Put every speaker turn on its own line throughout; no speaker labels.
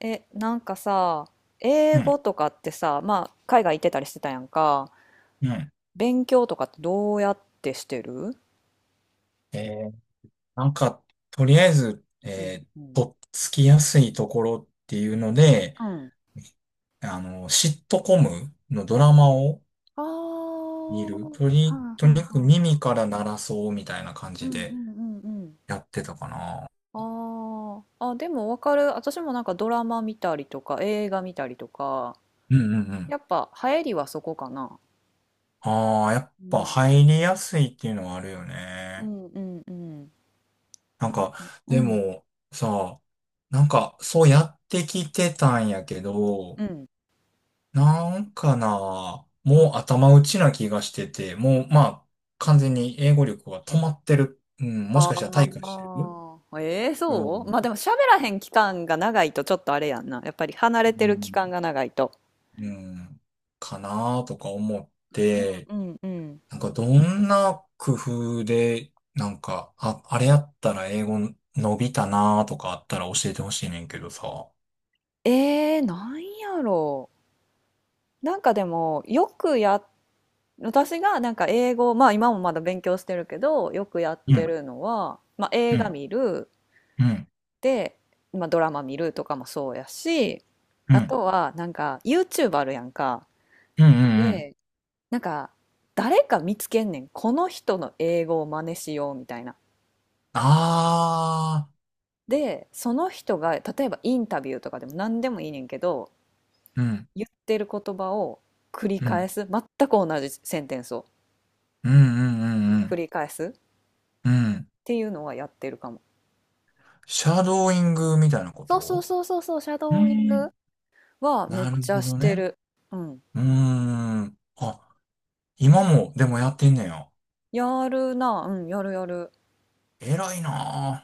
なんかさ、英
うん、
語とかってさ、まあ、海外行ってたりしてたやんか、
うん。
勉強とかってどうやってしてる？
えー、なんか、とりあえず、
うんうん。
とっつきやすいところっていうので、
うん。
あの、シットコムのドラマを
あー
見る。
はん
と
は
に
ん
か
は
く
ん。
耳から鳴らそうみたいな感
うん
じ
うんう
で
んうん。
やってたかな。
あーあ、でもわかる。私もなんかドラマ見たりとか、映画見たりとか、
うんうんうん。
やっぱ流行りはそこかな。
ああ、やっ
う
ぱ
ん。
入りやすいっていうのはあるよ
う
ね。
ん。うんうんうんうん。
なん
なんか、
か、
う
で
ん
もさ、なんかそうやってきてたんやけど、
うん、
なんかな、
う
もう
ん。
頭打ちな気がしてて、もうまあ、完全に英語力は止まってる。うん、もしかしたら退化し
あ
てる
あ、ええ、
よう
そう、
な、
まあでも喋らへん期間が長いとちょっとあれやんな。やっぱり離
う
れてる期
ん、
間が長いと。
うんかなとか思って、
うんうんうん。
なんかどんな工夫で、なんか、あ、あれやったら英語伸びたなとかあったら教えてほしいねんけどさ。
ええ、なんやろう。なんかでも、よくや、私がなんか英語、まあ今もまだ勉強してるけど、よくやっ
うん、
てるのは、まあ
う
映
ん、
画見る、
うん、
で、まあドラマ見るとかもそうやし、
う
あ
ん、
とはなんか YouTube あるやんか。
うん、うん、うん。
なんか誰か見つけんねん、この人の英語を真似しようみたいな。
ああ、
でその人が例えばインタビューとかでも何でもいいねんけど、
うん、
言ってる言葉を繰り
う
返
ん、
す、全く同じセンテンスを
うん、うん、うん、う
繰
ん。
り返すっ
うん、
ていうのはやってるかも。
シャドーイングみたいなこ
そうそう
と。
そうそうそう、シャ
う
ドーイン
ん。
グはめっ
なる
ちゃ
ほ
し
ど
て
ね。
る。うん。
うーん。あ、今も、でもやってんねや。
やるな。うん、やるやる。
偉いな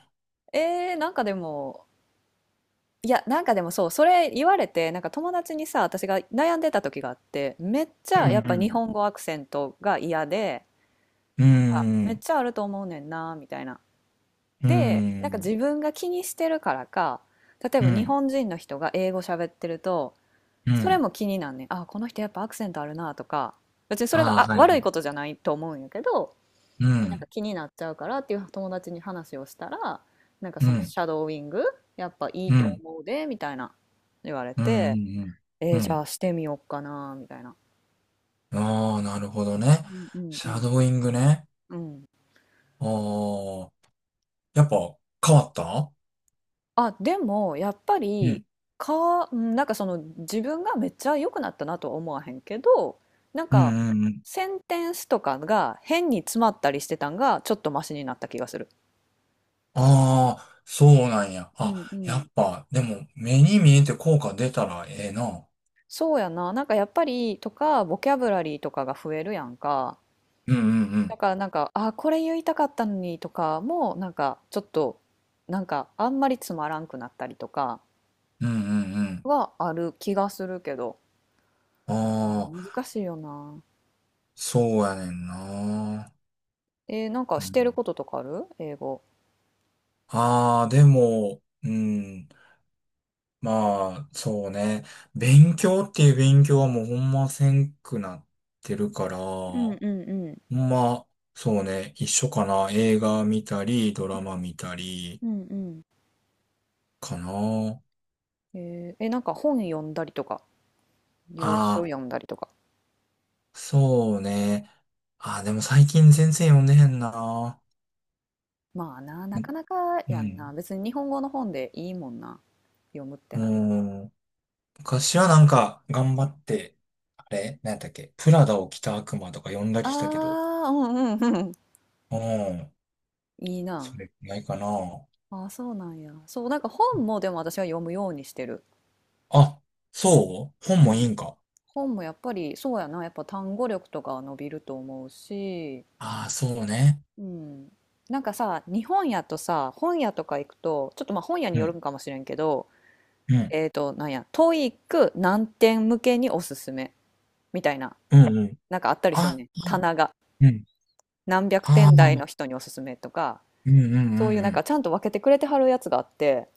なんかでも、いや、なんかでもそう、それ言われて、なんか友達にさ、私が悩んでた時があって、めっち
ぁ。
ゃ
う
やっぱ日
ん
本語アクセントが嫌で、
うん。
なんか
う
め
ー
っ
ん。
ちゃあると思うねんな、みたいな。
う
で、
ー
なんか
ん。
自分が気にしてるからか、例え
う
ば日
ん。
本人の人が英語喋ってると、
う
それ
ん。
も気になんねん。あ、この人やっぱアクセントあるな、とか、別にそれが、
あ
あ、
ーはい
悪
は
い
い。
ことじゃないと思うんやけど、
う
なん
ん。
か気になっちゃうからっていう友達に話をしたら、なんか
う
その
ん。
シャドーイング、やっぱいい
う
と
ん。
思うで、みたいな。言われ
う
て、
ん。う
じゃ
ん。
あしてみようかな、みたいな。
ああー、なるほどね。
うんうん
シ
う
ャ
ん。
ドーイングね。
うん。
ああ、やっぱ変わった。
あ、でもやっぱ
う
り
ん。
か、うん、なんかその自分がめっちゃ良くなったなとは思わへんけど、なん
う
か
ん。うん。
センテンスとかが変に詰まったりしてたんがちょっとマシになった気がする。
ああ、そうなんや。
う
あ、
んう
や
ん。
っぱ、でも、目に見えて効果出たらええな。
そうやな、なんかやっぱりとかボキャブラリーとかが増えるやんか。
うんうんう
だ
ん。
からなんか、あ、これ言いたかったのにとかもなんかちょっと、なんかあんまりつまらんくなったりとか。
うんうん
はある気がするけど。
うん。
あー、
ああ、
難しいよな。
そうやねんな。
なんか
う
してる
ん、
こととかある、英語？
ああ、でも、うん。まあ、そうね。勉強っていう勉強はもうほんませんくなってるから、
うんうん
ほ
うん。
んま、そうね。一緒かな。映画見たり、ドラマ見たり、
うんうんうん。
かな。
なんか本読んだりとか、洋書
あ
読
あ。
んだりとか。
そうね。あ、でも最近全然読んでへんな。
まあな、なかなか
う
やんな。
ん。
別に日本語の本でいいもんな。読むって
う
なった
ん。昔はなんか頑張って、あれなんだっけプラダを着た悪魔とか読んだり
ら。
したけど。
ああ、うんうんうん。
うん。
いいな。
それくらいかな。
ああ、そうなんや。そう、なんか本もでも私は読むようにしてる。
あ、そう本
う
もいい
ん。
んか。
本もやっぱり、そうやな。やっぱ単語力とかは伸びると思うし、
ああ、そうね。
うん、なんかさ、日本屋とさ、本屋とか行くと、ちょっとまあ本屋に
う
よる
ん。
んかもしれんけど、
うん。
なんや、トイック何点向けにおすすめみたいな、
うんうん。
なんかあったりすん
あ、
ねん。棚が。
うん。
何百
あ
点台の
あ、
人におすすめとか、
うんうんう
そういう
んう
なんか
ん。
ちゃんと分けてくれてはるやつがあって、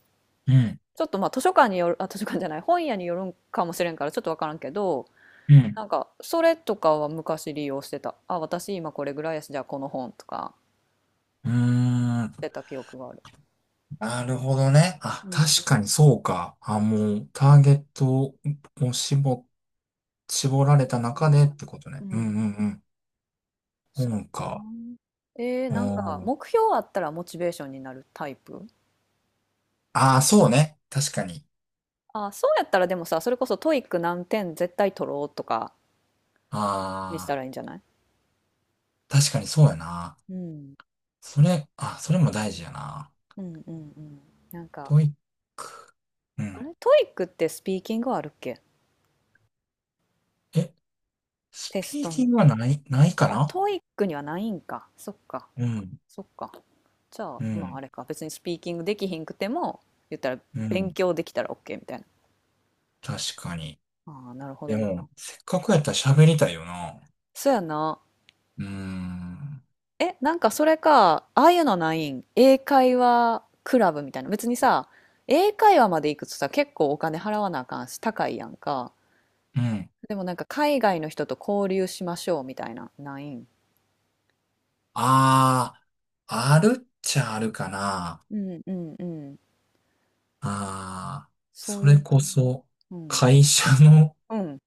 うん。
ちょっとまあ図書館による、あ、図書館じゃない、本屋によるんかもしれんからちょっとわからんけど、
うん。
なんかそれとかは昔利用してた。あ、私今これぐらいやし、じゃあこの本とか
うー
して
ん。
た記憶がある。
なるほどね。
う
あ、
ん。
確かにそうか。あ、もう、ターゲットを絞られ
そ
た
うや
中
な。
でってこと
う
ね。うん
ん。
うんうん。
そうや
本
な。
か。う
なんか
ん、
目標あったらモチベーションになるタイプ？
ああ、そうね。確かに。
あ、そうやったらでもさ、それこそトイック何点絶対取ろうとかにした
あ
らいいんじゃない？
あ、確かにそうやな。
うん。
あ、それも大事やな。
うんうんうん。なんか、
トイック。う
あ
ん。
れ、トイックってスピーキングはあるっけ、
え、ス
テス
ピー
ト
キン
に？
グはないか
あ、
な。
トイックにはないんか。そっか。
うん、
そっか。じゃあ、
う
まあ
ん、
あれか。別にスピーキングできひんくても、言ったら
う
勉
ん。
強できたら OK みたいな。
確かに。
ああ、なるほ
で
ど
も、
な。
せっかくやったら喋りたいよな。
そうやな。
うーん。
え、なんかそれか、ああいうのないん、英会話クラブみたいな。別にさ、英会話まで行くとさ、結構お金払わなあかんし、高いやんか。
うん、
でもなんか海外の人と交流しましょうみたいな、ないん？
ああ、あるっちゃあるかな。
うんうんうん。
ああ、
そう
そ
い
れ
う。
こそ、
うん。
会社の
うん。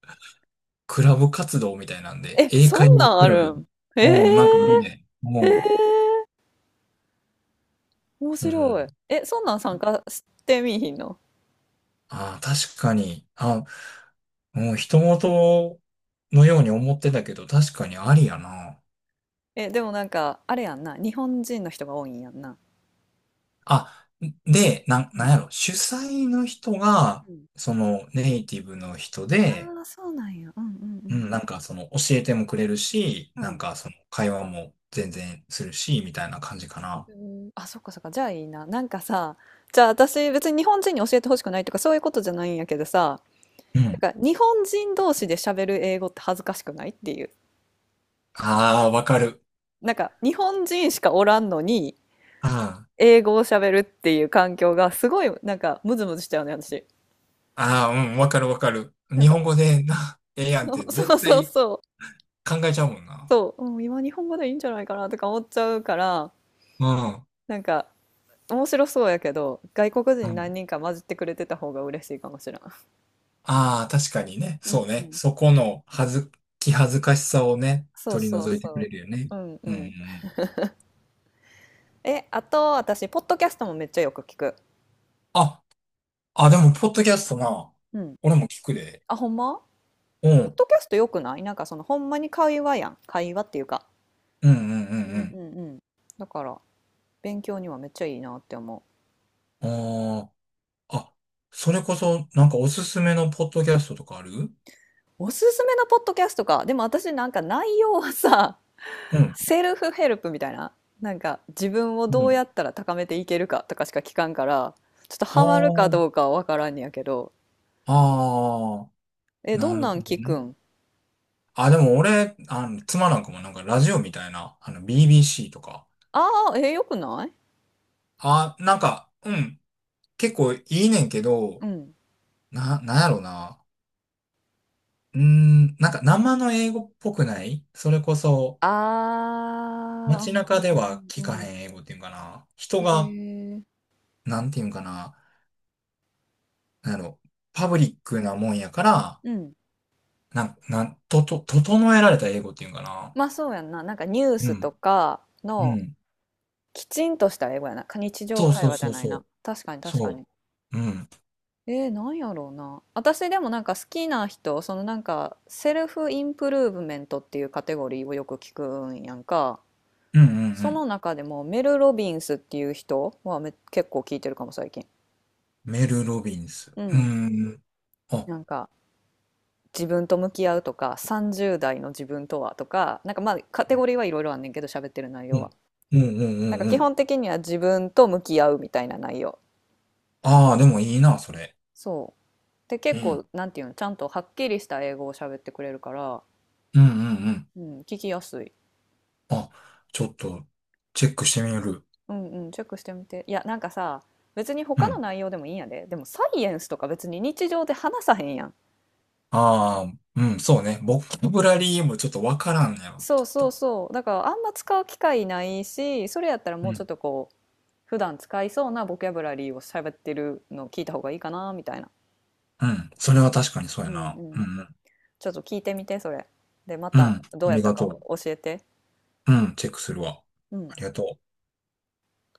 クラブ活動みたいなんで、
え、
英
そ
会
ん
話
なん
ク
あ
ラ
る
ブ。
ん？へ
うん、なんかある
え。
ね。
へ
も
ええー、面
う、う
白い。
ん。
え、そんなん参加してみいひんの？
ああ、確かに。あ、うん、人事のように思ってたけど、確かにありやな。
え、でもなんか、あれやんな。日本人の人が多いんやんな。
あ、で、
う
なん
ん。
やろ、主催の人が、
うん。
そのネイティブの人で、
ああ、そうなんや。うんうんう
う
ん。
ん、なんかその教えてもくれるし、
う
なん
ん。
かその会話も全然するし、みたいな感じかな。
うん、あ、そっかそっか、じゃあいいな。なんかさ、じゃあ私別に日本人に教えてほしくないとかそういうことじゃないんやけどさ、
うん。
なんか日本人同士で喋る英語って恥ずかしくないっていう。
ああ、わかる。
なんか日本人しかおらんのに
あ
英語を喋るっていう環境がすごいなんかムズムズしちゃうね、私。
あ、ああ、うん、わかるわかる。
なん
日本
か、
語でな、ええ やんっ
そ
て
うそ
絶
うそう
対
そう、
考えちゃうもんな。
そう、うん、今日本語でいいんじゃないかなとか思っちゃうから、
うん。
なんか面白そうやけど、外国
う
人何
ん。
人か混じってくれてた方が嬉しいかもしれん。
ああ、確かにね。
う
そ
ん
う
う
ね。
ん、
そこのはず、気恥ずかしさをね、
そう
取り
そう
除いてく
そ
れるよね。
う。うんう
うんう
ん。
ん。
え、あと私、ポッドキャストもめっちゃよく聞く。
あ、あ、でも、ポッドキャストな。
うん。
俺も聞くで。
あ、ほんま？
う
ポッ
ん。
ドキャストよくない？なんかそのほんまに会話やん。会話っていうか。
うんうん
う
う
んうん
ん
うん。だから勉強にはめっちゃいいなって思
うん。あーあ、それこそ、なんかおすすめのポッドキャストとかある。
う。おすすめのポッドキャストか。でも私なんか内容はさ、
う ん。
セルフヘルプみたいな。なんか自分を
う
どう
ん。
やったら高めていけるかとかしか聞かんから、ちょっとハマるか
あ
どうかはわからんねやけど。
あ、ああ、
え、ど
な
ん
る
なん
ほど
聞く
ね。
ん？
あ、でも俺、あの、妻なんかもなんかラジオみたいな、あの、BBC とか。
ああー、え、よくない？
あ、なんか、うん、結構いいねんけ
う
ど、
ん。
なんやろな。うーん、なんか生の英語っぽくない、それこそ、
ああ、う
街中
ん
で
う
は
ん
聞
う
か
んうん。
へん英語っていうんかな。人
へ
が、
え。
なんていうんかな。なんやろ、パブリックなもんやから、
うん。
なん、なん、と、整えられた英語っていうんかな。
ま、あ、そうやんな。なんかニュー
う
スと
ん。
か
う
の
ん。
きちんとした英語やな。か日常
そう
会
そう
話じゃ
そう
ないな。
そ
確かに
う。
確か
そ
に。
う。うん。
なんやろうな。私でもなんか好きな人、そのなんかセルフインプルーブメントっていうカテゴリーをよく聞くんやんか。
うんうんう
そ
ん。
の中でもメル・ロビンスっていう人は結構聞いてるかも最近。
メル・ロビンス。
う
う
ん。
ん。あ、
なんか自分と向き合うとか30代の自分とは、とかなんかまあカテゴリーはいろいろあんねんけど、喋ってる内
う
容は
ん。うんう
なん
ん
か
うんう
基
ん。
本的には自分と向き合うみたいな内容。
ああ、でもいいな、それ。
そうで
う
結構
ん。
なんていうの、ちゃんとはっきりした英語を喋ってくれるから、
うんうんうん。
うん、聞きやすい。
あ、ちょっと、チェックしてみる。
うんうん、チェックしてみて。いや、なんかさ、別に
う
他の
ん。
内容でもいいんやで、でもサイエンスとか別に日常で話さへんやん。
ああ、うん、そうね。ボキャブラリーもちょっとわからんねやろうね、
そ
き
う
っ
そう
と。
そう、だからあんま使う機会ないし、それやったら
う
もうちょ
ん。
っとこう普段使いそうなボキャブラリーを喋ってるのを聞いた方がいいかなみたいな。
うん。それは確かにそう
う
や
ん
な。
う
う
ん。
んうん。
ちょっと聞いてみて、それ。で、ま
うん。
た
あ
どうやっ
り
た
が
か
とう。
教えて。
うん、チェックするわ。
うん。
ありがとう。